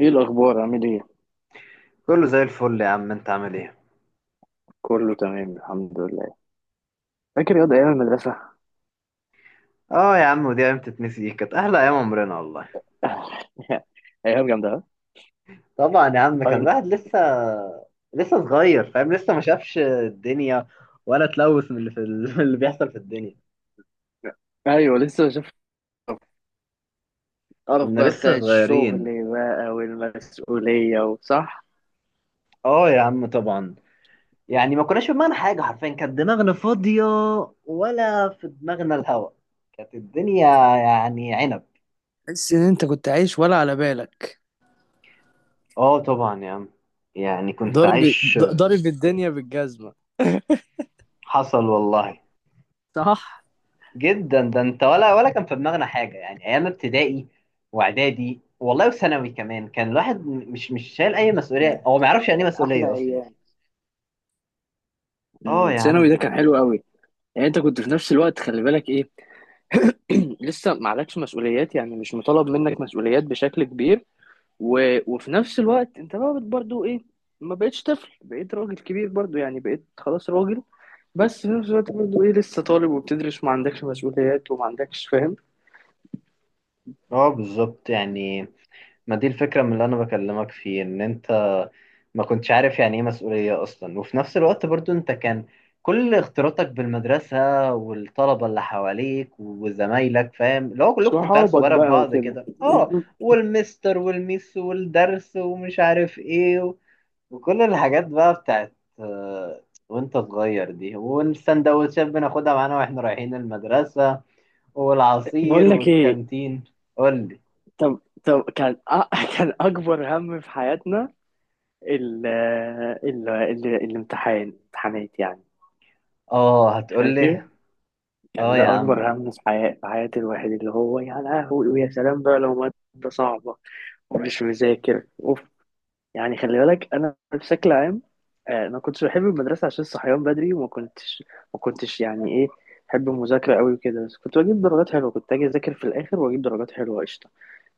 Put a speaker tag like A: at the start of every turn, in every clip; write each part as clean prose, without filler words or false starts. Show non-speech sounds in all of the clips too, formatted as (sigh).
A: ايه الاخبار؟ عامل ايه؟
B: كله زي الفل يا عم، انت عامل ايه؟
A: كله تمام، الحمد لله. فاكر ياض ايام المدرسه؟
B: اه يا عم، ودي ايام تتنسي؟ دي كانت احلى ايام عمرنا والله.
A: (laughs) ايام جامده، ها؟
B: طبعا يا عم، كان
A: أي...
B: الواحد لسه صغير، فاهم؟ لسه ما شافش الدنيا ولا اتلوث من اللي في (laughs) من اللي بيحصل في الدنيا.
A: ايوه، لسه شفت القرف
B: كنا
A: بقى بتاع
B: لسه
A: الشغل
B: صغيرين.
A: بقى والمسؤوليه، وصح.
B: اه يا عم طبعا. يعني ما كناش في دماغنا حاجه، حرفيا كانت دماغنا فاضيه، ولا في دماغنا الهوا، كانت الدنيا يعني عنب.
A: تحس ان انت كنت عايش ولا على بالك؟
B: اه طبعا يا عم، يعني كنت
A: ضارب
B: عايش.
A: ضارب الدنيا بالجزمه.
B: حصل والله.
A: صح.
B: جدا، ده انت ولا كان في دماغنا حاجه. يعني ايام ابتدائي واعدادي والله وثانوي كمان، كان الواحد مش شايل اي مسؤوليه،
A: ما
B: هو ما
A: كان
B: يعرفش يعني ايه
A: كان احلى
B: مسؤوليه اصلا.
A: ايام.
B: اه يا
A: ثانوي ده
B: عم.
A: كان حلو قوي. يعني انت كنت في نفس الوقت، خلي بالك ايه. (clears throat) لسه ما عليكش مسؤوليات، يعني مش مطالب منك مسؤوليات بشكل كبير. و... وفي نفس الوقت انت بقى برضو ايه. ما بقتش طفل، بقيت راجل كبير برضو، يعني بقيت خلاص راجل. بس في نفس الوقت برضو ايه، لسه طالب وبتدرس وما عندكش مسؤوليات وما عندكش فاهم.
B: اه بالظبط يعني. ما دي الفكره من اللي انا بكلمك فيه، ان انت ما كنتش عارف يعني ايه مسؤوليه اصلا، وفي نفس الوقت برضو انت كان كل اختلاطك بالمدرسه والطلبه اللي حواليك وزمايلك، فاهم؟ اللي هو كلكم كنتوا عيال
A: صحابك
B: صغيره في
A: بقى
B: بعض
A: وكده.
B: كده، اه. والمستر والميس والدرس ومش عارف ايه، وكل الحاجات بقى بتاعت آه، وانت صغير دي، والسندوتشات بناخدها معانا واحنا رايحين المدرسة
A: (laughs)
B: والعصير
A: بقول لك ايه؟
B: والكانتين. قول لي.
A: طب كان (laughs) كان اكبر هم في حياتنا. ال ال ال امتحانات، يعني.
B: اه هتقول لي.
A: فاكر. كان
B: اه يا
A: ده
B: عم.
A: اكبر هم في حياة الواحد، اللي هو يا لهوي ويا سلام بقى لو مادة صعبة ومش مذاكر اوف. يعني خلي بالك، انا بشكل عام، انا ما كنتش بحب المدرسه عشان الصحيان بدري وما كنتش، ما كنتش يعني ايه بحب المذاكره قوي وكده. بس كنت بجيب درجات حلوه، كنت اجي اذاكر في الاخر واجيب درجات حلوه، قشطه.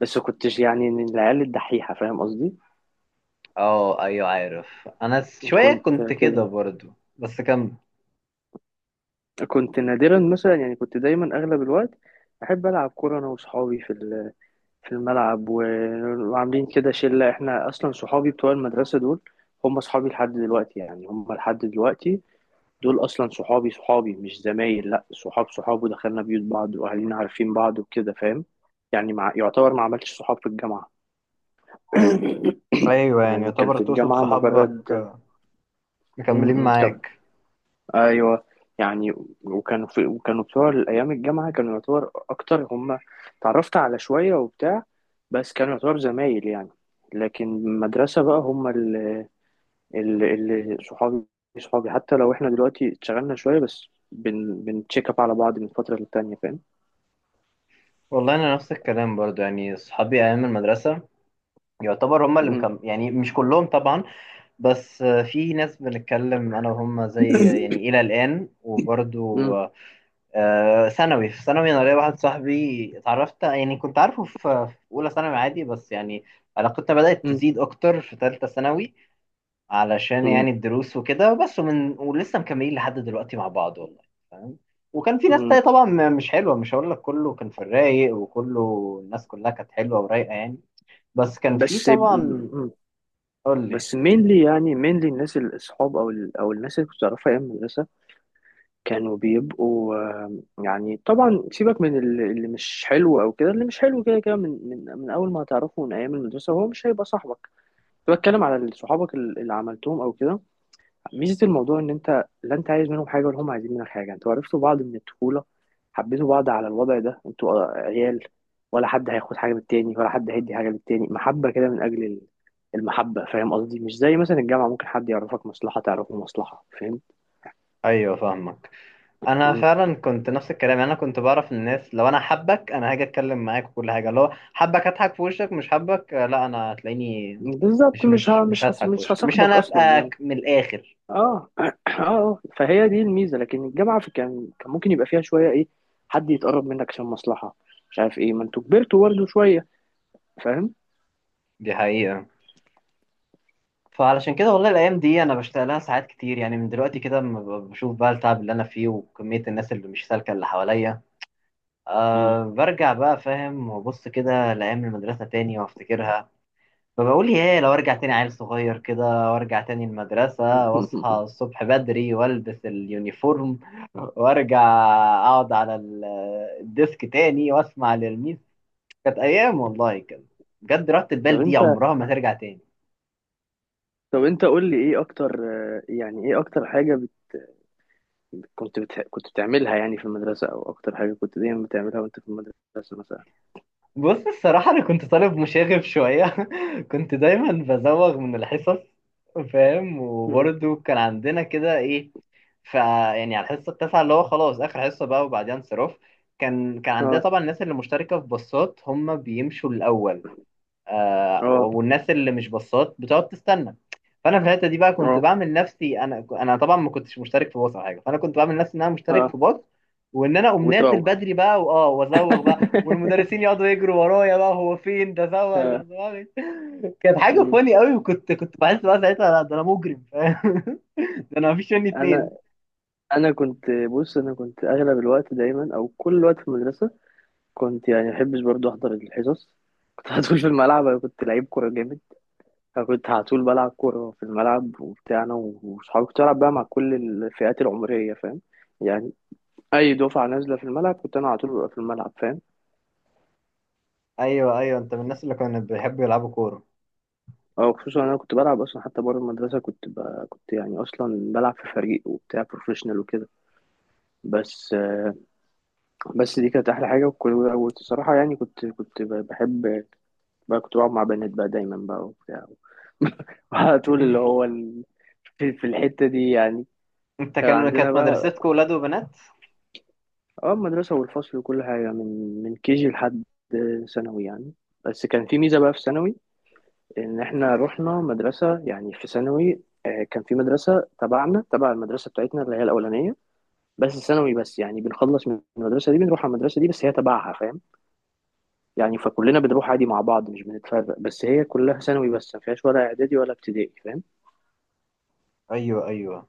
A: بس ما كنتش يعني من العيال الدحيحه، فاهم قصدي.
B: اه ايوه عارف، انا شوية
A: كنت
B: كنت كده
A: كده،
B: برضو. بس كم.
A: كنت نادرا مثلا، يعني كنت دايما اغلب الوقت احب العب كوره انا وصحابي في الملعب، وعاملين كده شله. احنا اصلا صحابي بتوع المدرسه دول هم صحابي لحد دلوقتي، يعني هم لحد دلوقتي. دول اصلا صحابي صحابي مش زمايل، لا صحاب صحاب، ودخلنا بيوت بعض واهالينا عارفين بعض وكده، فاهم. يعني يعتبر ما عملتش صحاب في الجامعة. (coughs)
B: ايوه يعني،
A: يعني كان
B: يعتبر
A: في
B: تقصد
A: الجامعة
B: صحابك
A: مجرد
B: آه، مكملين
A: م- م- كم
B: معاك.
A: ايوه، يعني. وكانوا بتوع الايام، الجامعة كانوا يعتبر اكتر هم. تعرفت على شوية وبتاع، بس كانوا يعتبر زمايل يعني. لكن المدرسة بقى هم اللي صحابي، صحابي حتى لو احنا دلوقتي اتشغلنا شوية، بس بنتشيك اب على بعض من فترة للتانية، فاهم.
B: والله انا نفس الكلام برضو، يعني صحابي ايام المدرسة يعتبر هم اللي
A: مم.
B: مكمل، يعني مش كلهم طبعا، بس آه، في ناس بنتكلم انا وهم زي يعني الى الان. وبرضو
A: مم.
B: آه، ثانوي، في ثانوي انا ليا واحد صاحبي اتعرفت، يعني كنت عارفه في في اولى ثانوي عادي، بس يعني علاقتنا بدات
A: مم.
B: تزيد اكتر في ثالثه ثانوي علشان
A: مم.
B: يعني الدروس وكده، بس ومن ولسه مكملين لحد دلوقتي مع بعض والله. فاهم. وكان في ناس
A: مم.
B: تانية طبعا مش حلوه، مش هقول لك كله كان في الرايق وكله الناس كلها كانت حلوه ورايقه يعني، بس كان في
A: بس.
B: طبعا.
A: مم.
B: قول لي.
A: بس مينلي، يعني مينلي الناس الاصحاب، او او الناس اللي كنت اعرفها ايام المدرسه كانوا بيبقوا، يعني طبعا سيبك من اللي مش حلو او كده، اللي مش حلو كده كده من اول ما هتعرفه من ايام المدرسه هو مش هيبقى صاحبك. كنت بتكلم على صحابك اللي عملتهم او كده، ميزه الموضوع ان انت لا انت عايز منهم حاجه ولا هم عايزين منك حاجه، انتوا عرفتوا بعض من الطفوله، حبيتوا بعض على الوضع ده، انتوا عيال، ولا حد هياخد حاجه من التاني ولا حد هيدي حاجه للتاني، محبه كده من اجل المحبه، فاهم قصدي، مش زي مثلا الجامعه، ممكن حد يعرفك مصلحه، تعرفه مصلحه، فاهم.
B: ايوه فاهمك. انا
A: مم.
B: فعلا كنت نفس الكلام، يعني انا كنت بعرف الناس، لو انا حبك انا هاجي اتكلم معاك وكل حاجه، لو حبك هضحك في وشك، مش حبك آه، لا انا هتلاقيني
A: بالظبط،
B: مش
A: مش
B: مش
A: ه...
B: مش
A: مش هس...
B: هضحك في
A: مش
B: وشك، مش
A: هصاحبك اصلا يعني.
B: هنافقك من الاخر.
A: (clears throat) فهي دي الميزه، لكن الجامعه في كان كان ممكن يبقى فيها شويه ايه، حد يتقرب منك عشان مصلحه، مش عارف ايه، ما انتوا كبرتوا برضه شويه، فاهم.
B: دي حقيقه. فعلشان كده والله، الايام دي انا بشتغل لها ساعات كتير يعني، من دلوقتي كده لما بشوف بقى التعب اللي انا فيه وكميه الناس اللي مش سالكه اللي حواليا،
A: مم.
B: أه برجع بقى، فاهم، وابص كده لايام المدرسه تاني وافتكرها. فبقول ايه، لو ارجع تاني عيل صغير كده وارجع تاني المدرسة، واصحى
A: (laughs)
B: الصبح بدري والبس اليونيفورم، وارجع اقعد على الديسك تاني واسمع للميس. كانت ايام والله كده، بجد راحة
A: طب
B: البال دي
A: انت،
B: عمرها ما ترجع تاني.
A: قول لي ايه اكتر، يعني ايه اكتر حاجة كنت بتعملها يعني في المدرسة، او اكتر حاجة كنت دايما بتعملها وانت في المدرسة مثلا؟
B: بص الصراحة أنا كنت طالب مشاغب شوية. (laughs) كنت دايما بزوغ من الحصص، فاهم؟
A: مم.
B: وبرضه كان عندنا كده إيه، فيعني على الحصه التاسعه اللي هو خلاص اخر حصه بقى وبعدين انصراف، كان كان عندنا
A: اه.
B: طبعا الناس اللي مشتركه في باصات هم بيمشوا الاول، آه،
A: اه.
B: والناس اللي مش باصات بتقعد تستنى. فانا في الحته دي بقى كنت
A: اه.
B: بعمل نفسي، انا انا طبعا ما كنتش مشترك في باص او حاجه، فانا كنت بعمل نفسي ان انا مشترك
A: اه.
B: في باص، وان انا اقوم نازل
A: وتروح.
B: بدري بقى واه وازوغ بقى،
A: (laughs)
B: والمدرسين يقعدوا يجروا ورايا بقى، هو فين ده، زوغ ده
A: اه.
B: زوغ. كانت حاجه
A: مم.
B: فاني قوي، وكنت كنت بحس بقى ساعتها، لا ده انا مجرم فاهم. (laughs) ده انا مفيش مني اتنين.
A: انا انا كنت بص، انا كنت اغلب الوقت دايما او كل الوقت في المدرسة. كنت يعني ما بحبش برضه احضر الحصص، كنت (laughs) على طول في الملعب، انا كنت لعيب كورة. أنا كنت على طول بلعب كورة في الملعب وبتاع، أنا وصحابي كنت بلعب بقى مع كل الفئات العمرية، فاهم يعني، أي دفعة نازلة في الملعب كنت أنا على طول ببقى في الملعب، فاهم.
B: ايوه ايوه، انت من الناس اللي كانوا بيحبوا يلعبوا كوره.
A: أو خصوصا أنا كنت بلعب أصلا حتى بره المدرسة، كنت يعني أصلا بلعب في فريق وبتاع بروفيشنال وكده. بس بس دي كانت أحلى حاجة، والصراحة يعني كنت بحب بقى، كنت بقعد مع بنات بقى دايما بقى وبتاع. (laughs) على طول، اللي
B: (laughs)
A: هو في الحتة دي يعني.
B: انت
A: كان
B: كان،
A: عندنا
B: كانت
A: بقى،
B: مدرستكم ولاد وبنات؟
A: اه المدرسة والفصل وكل حاجة من جي لحد ثانوي يعني. بس كان في ميزة بقى في ثانوي، إن إحنا رحنا مدرسة يعني في ثانوي، كان في مدرسة تبعنا، تبع المدرسة بتاعتنا اللي هي الأولانية. بس ثانوي بس، يعني بنخلص من المدرسة دي بنروح على المدرسة دي، بس هي تبعها، فاهم يعني، فكلنا بنروح عادي مع بعض مش بنتفرق، بس هي كلها ثانوي بس، ما فيهاش ولا إعدادي ولا ابتدائي، فاهم.
B: ايوه ايوه.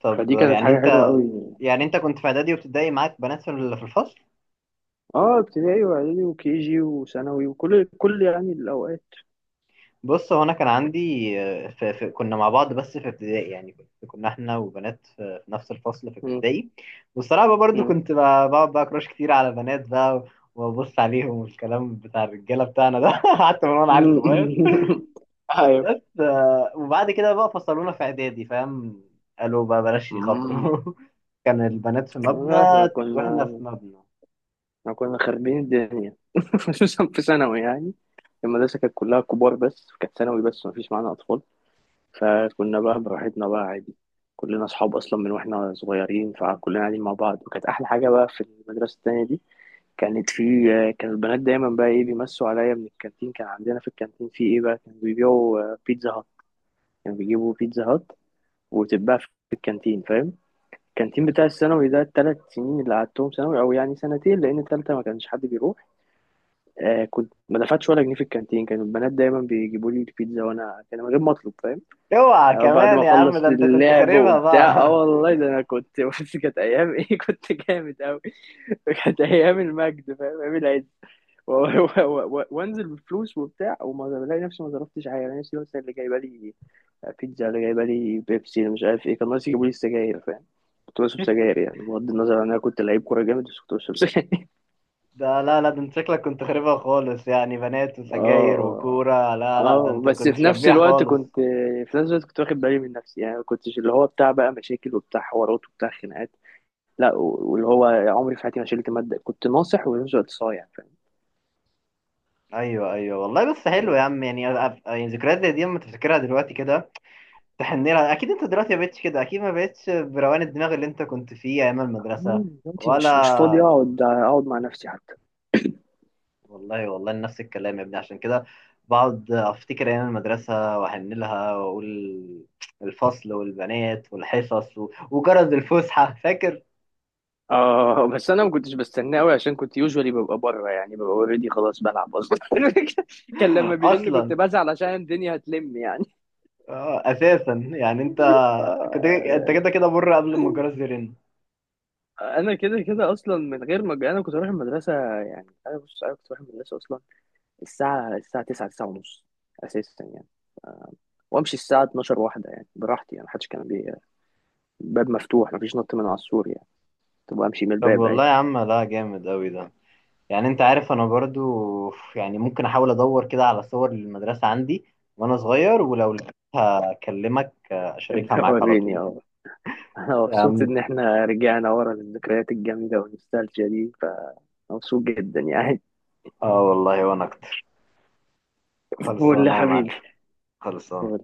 B: طب
A: فدي كانت
B: يعني
A: حاجة حلوة
B: انت،
A: أوي.
B: يعني انت كنت في اعدادي وابتدائي معاك بنات في في الفصل؟
A: اه ابتدائي وإعدادي وكيجي وثانوي وكل، يعني الأوقات.
B: بص، هو انا كان عندي آه، في في كنا مع بعض بس في ابتدائي، يعني كنا احنا وبنات في في نفس الفصل في
A: مم.
B: ابتدائي. والصراحه بقى برضو
A: مم.
B: بقعد بقى كراش كتير على بنات بقى، وابص عليهم، والكلام بتاع الرجاله بتاعنا ده. (laughs) حتى من وانا عيل صغير.
A: (laughs) ايوه.
B: بس آه، وبعد كده بقى فصلونا في اعدادي، فاهم؟ قالوا بقى بلاش
A: مم.
B: يخاطروا. (laughs) كان البنات في مبنى
A: احنا
B: واحنا
A: كنا
B: في مبنى.
A: احنا كنا خاربين الدنيا، (laughs) خصوصا في ثانوي يعني. المدرسة كانت كلها كبار، بس كانت ثانوي بس، ما فيش معانا أطفال. فكنا بقى براحتنا بقى عادي، كلنا أصحاب أصلا من وإحنا صغيرين، فكلنا قاعدين مع بعض، وكانت أحلى حاجة بقى في المدرسة التانية دي. كانت في كان البنات دايما بقى إيه بيمسوا عليا من الكانتين، كان عندنا في الكانتين في إيه بقى، كانوا بيبيعوا بيتزا هات. كانوا بيجيبوا بيتزا هات وتتباع في الكانتين، فاهم. كان التيم بتاع الثانوي ده، الثلاث سنين اللي قعدتهم ثانوي، او يعني سنتين، لان ثالثه ما كانش حد بيروح. كنت ما دفعتش ولا جنيه في الكانتين، كانوا البنات دايما بيجيبوا لي البيتزا، وانا كان من غير ما اطلب، فاهم.
B: اوعى
A: بعد ما
B: كمان يا عم،
A: اخلص
B: ده انت كنت
A: اللعب
B: خاربها
A: وبتاع،
B: بقى. (laughs)
A: والله ده انا كنت (laughs) بس كانت ايام ايه، (laughs) كنت جامد قوي. كانت ايام المجد، فاهم، ايام العز. وانزل بفلوس وبتاع، وما بلاقي نفسي ما صرفتش حاجه، انا نفسي مثلا، اللي جايبه لي بيتزا، اللي جايبه لي بيبسي، اللي مش عارف ايه، كان ناقص يجيبوا لي السجاير، فاهم. كنت بشرب سجاير يعني، بغض النظر عن انا كنت لعيب كوره جامد، بس كنت بشرب سجاير.
B: ده لا لا، ده انت شكلك كنت خاربها خالص، يعني بنات
A: (laughs)
B: وسجاير
A: اه،
B: وكورة، لا لا ده
A: اه،
B: انت
A: بس
B: كنت
A: في نفس
B: شبيح
A: الوقت
B: خالص.
A: كنت، في نفس الوقت كنت واخد بالي من نفسي، يعني ما كنتش اللي هو بتاع بقى مشاكل وبتاع حوارات وبتاع خناقات، لا، واللي هو عمري في حياتي ما شلت ماده، كنت ناصح وفي نفس الوقت صايع، فاهم
B: ايوه ايوه والله، بس حلو
A: يعني.
B: يا عم، يعني يعني ذكريات زي دي اما تفتكرها دلوقتي كده تحن لها اكيد. انت دلوقتي ما بقتش كده اكيد، ما بقتش بروقان الدماغ اللي انت كنت فيه ايام المدرسة.
A: دلوقتي مش فاضي
B: ولا
A: اقعد، مع نفسي حتى.
B: والله، والله نفس الكلام يا ابني، عشان كده بقعد افتكر ايام المدرسه واحن لها، واقول الفصل والبنات والحصص وجرس الفسحه. (laughs) فاكر؟
A: اه بس انا ما كنتش بستناه قوي، عشان كنت يوجوالي ببقى بره، يعني ببقى اوريدي خلاص بلعب اصلا. (laughs) كان لما بيرن كنت
B: اصلا
A: بزعل عشان الدنيا هتلم يعني.
B: آه، اساسا يعني انت،
A: (laughs)
B: كنت
A: آه،
B: انت كده كده بره قبل ما الجرس يرن.
A: انا كده كده اصلا، من غير ما انا كنت اروح المدرسه. يعني انا، بص انا كنت اروح المدرسه اصلا الساعه 9 ونص اساسا يعني، وامشي الساعه 12 واحده، يعني براحتي، يعني محدش كان بي، الباب مفتوح، مفيش نط من على السور يعني، كنت بمشي من
B: طب
A: الباب
B: والله يا
A: عادي.
B: عم، لا جامد قوي ده. يعني انت عارف انا برضو يعني ممكن احاول ادور كده على صور للمدرسه عندي وانا صغير، ولو لقيتها اكلمك آه، اشاركها
A: (laughs)
B: معاك على
A: وريني.
B: طول.
A: (laughs) انا
B: يا
A: مبسوط
B: عم،
A: ان احنا رجعنا ورا للذكريات الجميله والنوستالجيا دي، فمبسوط جدا يعني.
B: اه والله وانا اكتر.
A: (laughs) قول لي يا
B: خلصانة يا معلم،
A: حبيبي.
B: خلصانة.